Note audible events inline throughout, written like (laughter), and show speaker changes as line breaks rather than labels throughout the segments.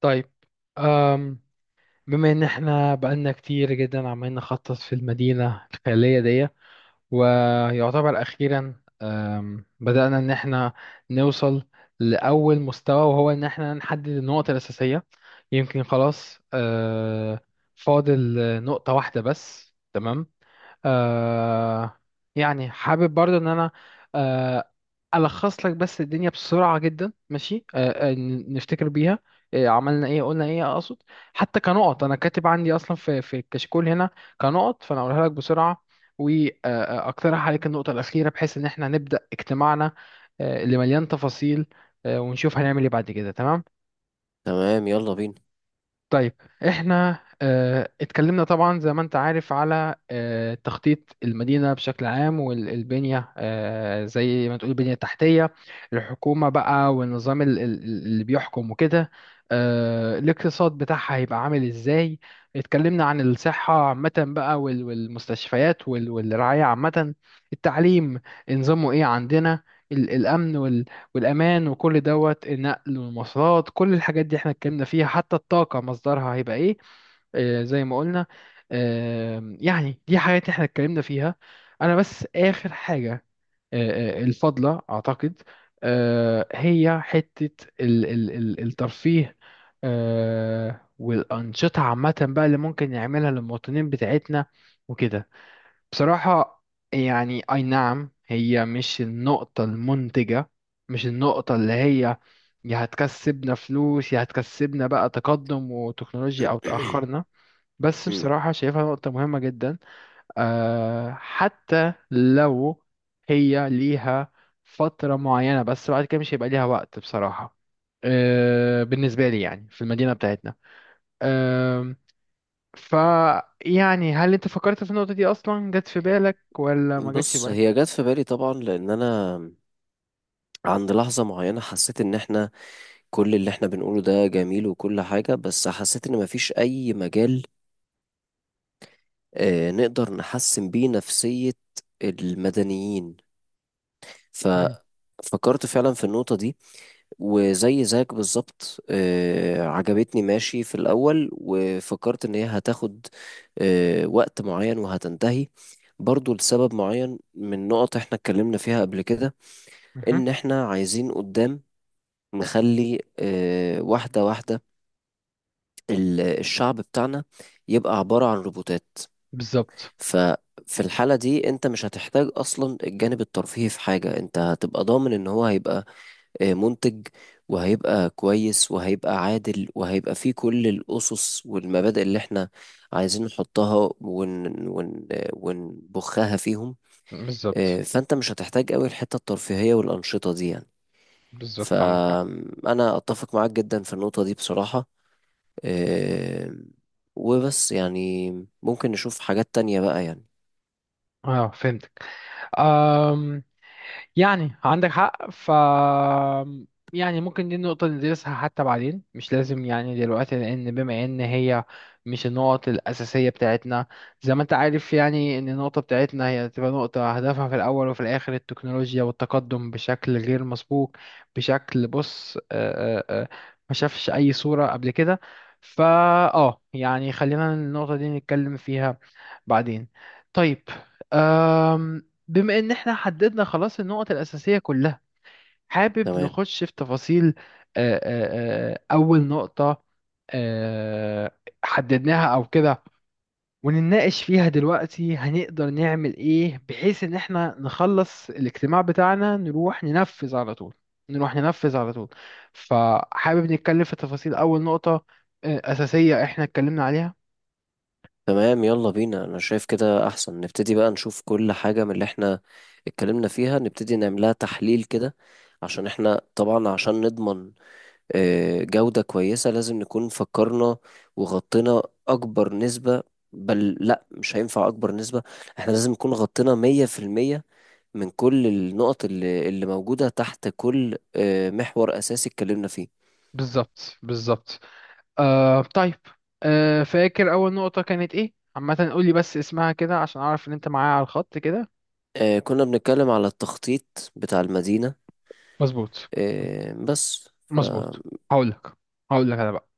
طيب. أم بما ان احنا بقالنا كتير جدا عمالين نخطط في المدينة الخيالية دي، ويعتبر أخيرا بدأنا إن احنا نوصل لأول مستوى، وهو إن احنا نحدد النقط الأساسية. يمكن خلاص فاضل نقطة واحدة بس، تمام. آه يعني حابب برضه ان انا آه الخص لك بس الدنيا بسرعه جدا، ماشي؟ نفتكر بيها، عملنا ايه قلنا ايه، اقصد حتى كنقط، انا كاتب عندي اصلا في الكشكول هنا كنقط، فانا اقولها لك بسرعه واقترح عليك النقطة الأخيرة بحيث إن احنا نبدأ اجتماعنا اللي مليان تفاصيل، ونشوف هنعمل ايه بعد كده، تمام.
تمام يلا بينا
طيب. احنا اتكلمنا طبعا زي ما انت عارف على تخطيط المدينة بشكل عام، والبنية اه زي ما تقول البنية التحتية، الحكومة بقى والنظام اللي بيحكم وكده، الاقتصاد بتاعها هيبقى عامل ازاي. اتكلمنا عن الصحة عامة بقى والمستشفيات والرعاية عامة، التعليم نظامه ايه عندنا، الأمن والامان، وكل دوت النقل والمواصلات، كل الحاجات دي احنا اتكلمنا فيها، حتى الطاقه مصدرها هيبقى ايه، زي ما قلنا. يعني دي حاجات احنا اتكلمنا فيها. انا بس اخر حاجه، الفضله اعتقد، هي حته ال ال ال الترفيه والانشطه عامه بقى، اللي ممكن نعملها للمواطنين بتاعتنا وكده. بصراحة يعني أي نعم، هي مش النقطة المنتجة، مش النقطة اللي هي يا هتكسبنا فلوس يا هتكسبنا بقى تقدم وتكنولوجيا أو تأخرنا.
(clears throat)
بس
مم.
بصراحة شايفها نقطة مهمة جدا، أه. حتى لو هي ليها فترة معينة، بس بعد كده مش هيبقى ليها وقت بصراحة، أه. بالنسبة لي يعني في المدينة بتاعتنا، فيعني هل انت فكرت في النقطة دي اصلا، جت في بالك ولا ما جتش في
بص
بالك؟
هي جت في بالي طبعا لان انا عند لحظة معينة حسيت ان احنا كل اللي احنا بنقوله ده جميل وكل حاجة بس حسيت ان مفيش اي مجال نقدر نحسن بيه نفسية المدنيين.
مم.
ففكرت فعلا في النقطة دي وزي زيك بالظبط، عجبتني ماشي في الأول وفكرت إن هي هتاخد وقت معين وهتنتهي برضو لسبب معين من نقط احنا اتكلمنا فيها قبل كده،
مهم.
إن احنا عايزين قدام نخلي واحدة واحدة الشعب بتاعنا يبقى عبارة عن روبوتات.
بالظبط.
ففي الحالة دي انت مش هتحتاج أصلا الجانب الترفيهي في حاجة، انت هتبقى ضامن إن هو هيبقى منتج وهيبقى كويس وهيبقى عادل وهيبقى فيه كل الأسس والمبادئ اللي احنا عايزين نحطها ون ون آه، ونبخها فيهم.
بالظبط.
فأنت مش هتحتاج قوي الحتة الترفيهية والأنشطة دي يعني.
بالظبط، عندك حق.
فأنا أتفق معاك جدا في النقطة دي بصراحة. آه، وبس يعني ممكن نشوف حاجات تانية بقى يعني.
اه فهمتك. يعني عندك حق، ف يعني ممكن دي النقطة ندرسها حتى بعدين، مش لازم يعني دلوقتي، لأن بما إن هي مش النقط الأساسية بتاعتنا. زي ما أنت عارف يعني، إن النقطة بتاعتنا هي تبقى نقطة هدفها في الأول وفي الآخر التكنولوجيا والتقدم بشكل غير مسبوق، بشكل، بص، ما شافش أي صورة قبل كده. فا يعني خلينا النقطة دي نتكلم فيها بعدين. طيب، بما ان احنا حددنا خلاص النقط الاساسيه كلها، حابب
تمام.
نخش في تفاصيل، اول نقطه آه، حددناها او كده، ونناقش فيها دلوقتي هنقدر نعمل ايه، بحيث ان احنا نخلص الاجتماع بتاعنا، نروح ننفذ على طول، نروح ننفذ على طول. فحابب نتكلم في تفاصيل اول نقطه اساسيه احنا اتكلمنا عليها.
تمام يلا بينا، انا شايف كده احسن نبتدي بقى نشوف كل حاجة من اللي احنا اتكلمنا فيها نبتدي نعملها تحليل كده، عشان احنا طبعا عشان نضمن جودة كويسة لازم نكون فكرنا وغطينا اكبر نسبة. بل لا، مش هينفع اكبر نسبة، احنا لازم نكون غطينا مية في المية من كل النقط اللي موجودة تحت كل محور اساسي اتكلمنا فيه.
بالظبط. بالظبط. طيب، فاكر أول نقطة كانت إيه؟ عامة قولي بس اسمها كده عشان أعرف إن أنت معايا على الخط كده.
كنا بنتكلم على التخطيط بتاع المدينة
مظبوط.
بس.
مظبوط. هقولك هقولك أنا بقى.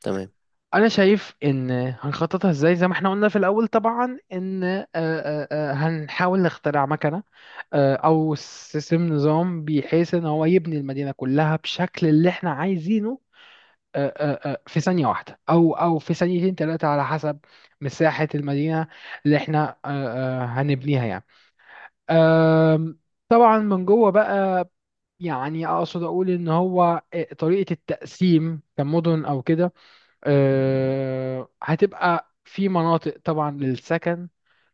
فتمام.
أنا شايف إن هنخططها إزاي زي ما إحنا قلنا في الأول طبعا، إن هنحاول نخترع مكنة أو سيستم نظام بحيث إن هو يبني المدينة كلها بشكل اللي إحنا عايزينه، في ثانية واحدة أو في ثانيتين تلاتة على حسب مساحة المدينة اللي إحنا هنبنيها يعني. أم، طبعا من جوه بقى، يعني اقصد اقول ان هو طريقه التقسيم كمدن او كده، أه هتبقى في مناطق طبعا للسكن،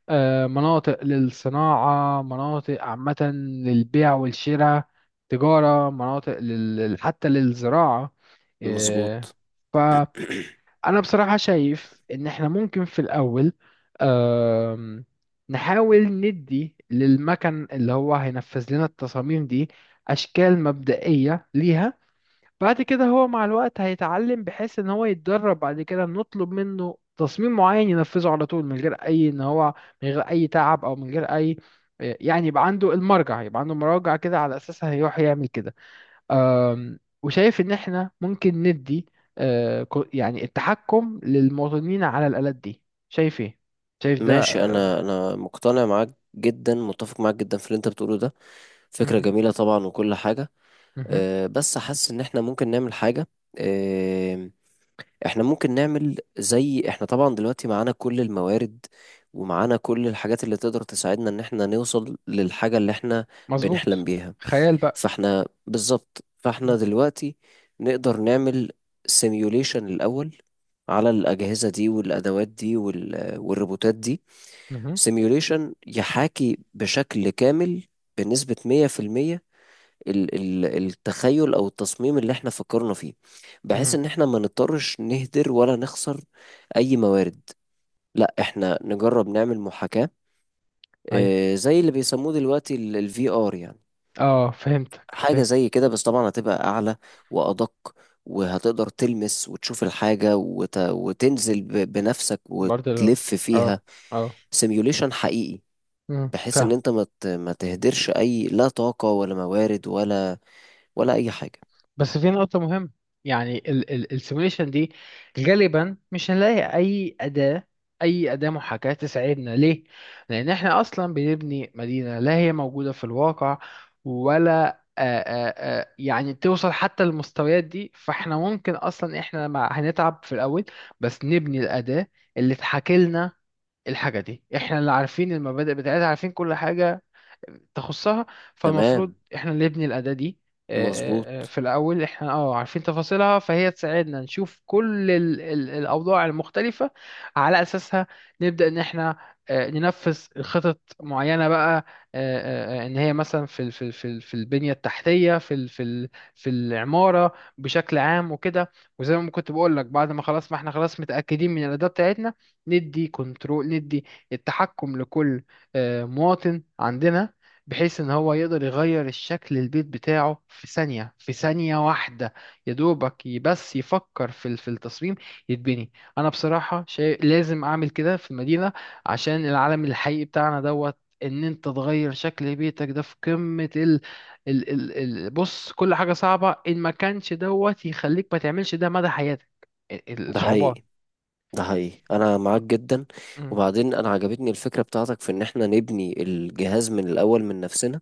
أه مناطق للصناعه، مناطق عامه للبيع والشراء، تجاره، مناطق لل... حتى للزراعه، أه.
مظبوط.
ف... انا بصراحة شايف ان احنا ممكن في الاول آم، نحاول ندي للمكن اللي هو هينفذ لنا التصاميم دي اشكال مبدئية ليها. بعد كده هو مع الوقت هيتعلم، بحيث ان هو يتدرب، بعد كده نطلب منه تصميم معين ينفذه على طول من غير اي ان هو، من غير اي تعب او من غير اي، يعني يبقى عنده المرجع، يبقى عنده مراجع كده على اساسها هيروح يعمل كده. وشايف ان احنا ممكن ندي يعني التحكم للمواطنين على الآلات دي. شايف ايه؟ شايف ده؟
ماشي،
آم،
انا مقتنع معاك جدا، متفق معاك جدا في اللي انت بتقوله ده. فكرة
مهم.
جميلة طبعا وكل حاجة.
مهم.
أه بس حاسس ان احنا ممكن نعمل حاجة. أه، احنا ممكن نعمل زي احنا طبعا دلوقتي معانا كل الموارد ومعانا كل الحاجات اللي تقدر تساعدنا ان احنا نوصل للحاجة اللي احنا
مظبوط.
بنحلم بيها.
خيال بقى.
فاحنا بالظبط، فاحنا
مهم.
دلوقتي نقدر نعمل سيميوليشن الاول على الأجهزة دي والأدوات دي والروبوتات دي.
مهم.
سيميوليشن يحاكي بشكل كامل بنسبة 100% التخيل أو التصميم اللي احنا فكرنا فيه، بحيث
مهم.
إن احنا ما نضطرش نهدر ولا نخسر أي موارد. لا، احنا نجرب نعمل محاكاة
ايوه.
زي اللي بيسموه دلوقتي الفي ار يعني،
اه فهمتك.
حاجة
فهم.
زي كده بس طبعا هتبقى أعلى وأدق، وهتقدر تلمس وتشوف الحاجة وتنزل بنفسك
برضه لو،
وتلف
اه،
فيها.
اه.
سيميوليشن حقيقي،
مهم.
بحيث
فاهم.
ان انت ما تهدرش اي، لا طاقة ولا موارد ولا ولا اي حاجة.
بس في نقطة مهمة، يعني السيموليشن دي غالبا مش هنلاقي أي أداة، أي أداة محاكاة تساعدنا. ليه؟ لأن إحنا أصلا بنبني مدينة لا هي موجودة في الواقع، ولا يعني توصل حتى للمستويات دي. فإحنا ممكن أصلا إحنا مع هنتعب في الأول بس نبني الأداة اللي تحاكي لنا الحاجة دي. إحنا اللي عارفين المبادئ بتاعتها، عارفين كل حاجة تخصها، فالمفروض
تمام.
احنا اللي نبني الأداة دي
مظبوط.
في الأول. احنا اه عارفين تفاصيلها، فهي تساعدنا نشوف كل ال ال الأوضاع المختلفة. على أساسها نبدأ إن احنا ننفذ خطط معينة بقى، إن هي مثلا في البنية التحتية، في العمارة بشكل عام وكده. وزي ما كنت بقول لك، بعد ما خلاص ما احنا خلاص متأكدين من الأداة بتاعتنا، ندي كنترول، ندي التحكم لكل مواطن عندنا، بحيث ان هو يقدر يغير الشكل البيت بتاعه في ثانية، في ثانية واحدة، يا دوبك بس يفكر في التصميم يتبني. انا بصراحة شايف لازم اعمل كده في المدينة، عشان العالم الحقيقي بتاعنا دوت ان انت تغير شكل بيتك ده في قمة ال ال ال ال بص، كل حاجة صعبة، ان ما كانش دوت يخليك ما تعملش ده مدى حياتك،
ده
الصعوبات.
حقيقي، ده حقيقي انا معاك جدا.
مم.
وبعدين انا عجبتني الفكرة بتاعتك في ان احنا نبني الجهاز من الاول من نفسنا.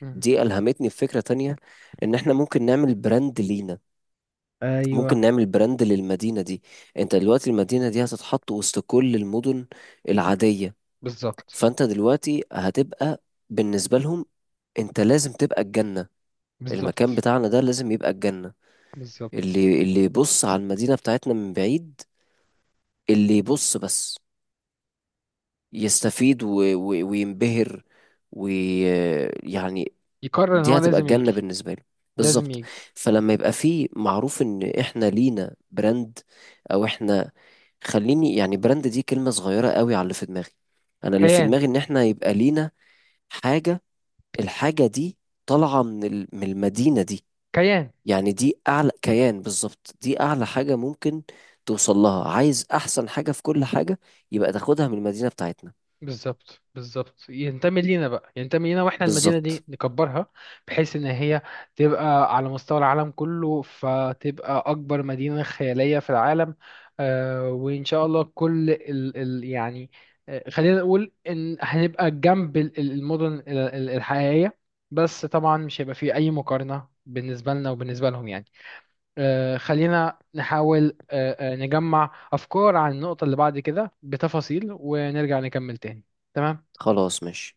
مم.
دي الهمتني بفكرة تانية، ان احنا ممكن نعمل براند لينا، ممكن
ايوه.
نعمل براند للمدينة دي. انت دلوقتي المدينة دي هتتحط وسط كل المدن العادية،
بالظبط.
فانت دلوقتي هتبقى بالنسبة لهم انت لازم تبقى الجنة.
بالظبط.
المكان بتاعنا ده لازم يبقى الجنة.
بالظبط.
اللي يبص على المدينة بتاعتنا من بعيد، اللي يبص بس يستفيد و... و... وينبهر ويعني،
يقرر ان هو
دي هتبقى
لازم يجي.
الجنة بالنسبة له
لازم
بالظبط.
يجي.
فلما يبقى فيه معروف ان احنا لينا براند، او احنا، خليني يعني براند دي كلمة صغيرة قوي على اللي في دماغي. انا اللي في
كيان.
دماغي ان احنا يبقى لينا حاجة، الحاجة دي طالعة من من المدينة دي.
كيان.
يعني دي اعلى كيان بالظبط، دي اعلى حاجة ممكن توصل لها. عايز احسن حاجة في كل حاجة يبقى تاخدها من المدينة بتاعتنا.
بالظبط. بالظبط، ينتمي لينا بقى، ينتمي لينا، واحنا المدينة دي
بالظبط.
نكبرها بحيث ان هي تبقى على مستوى العالم كله، فتبقى اكبر مدينة خيالية في العالم. وان شاء الله كل ال ال يعني، خلينا نقول ان هنبقى جنب المدن الحقيقية، بس طبعا مش هيبقى فيه اي مقارنة بالنسبة لنا وبالنسبة لهم يعني. خلينا نحاول نجمع أفكار عن النقطة اللي بعد كده بتفاصيل ونرجع نكمل تاني. تمام.
خلاص ماشي.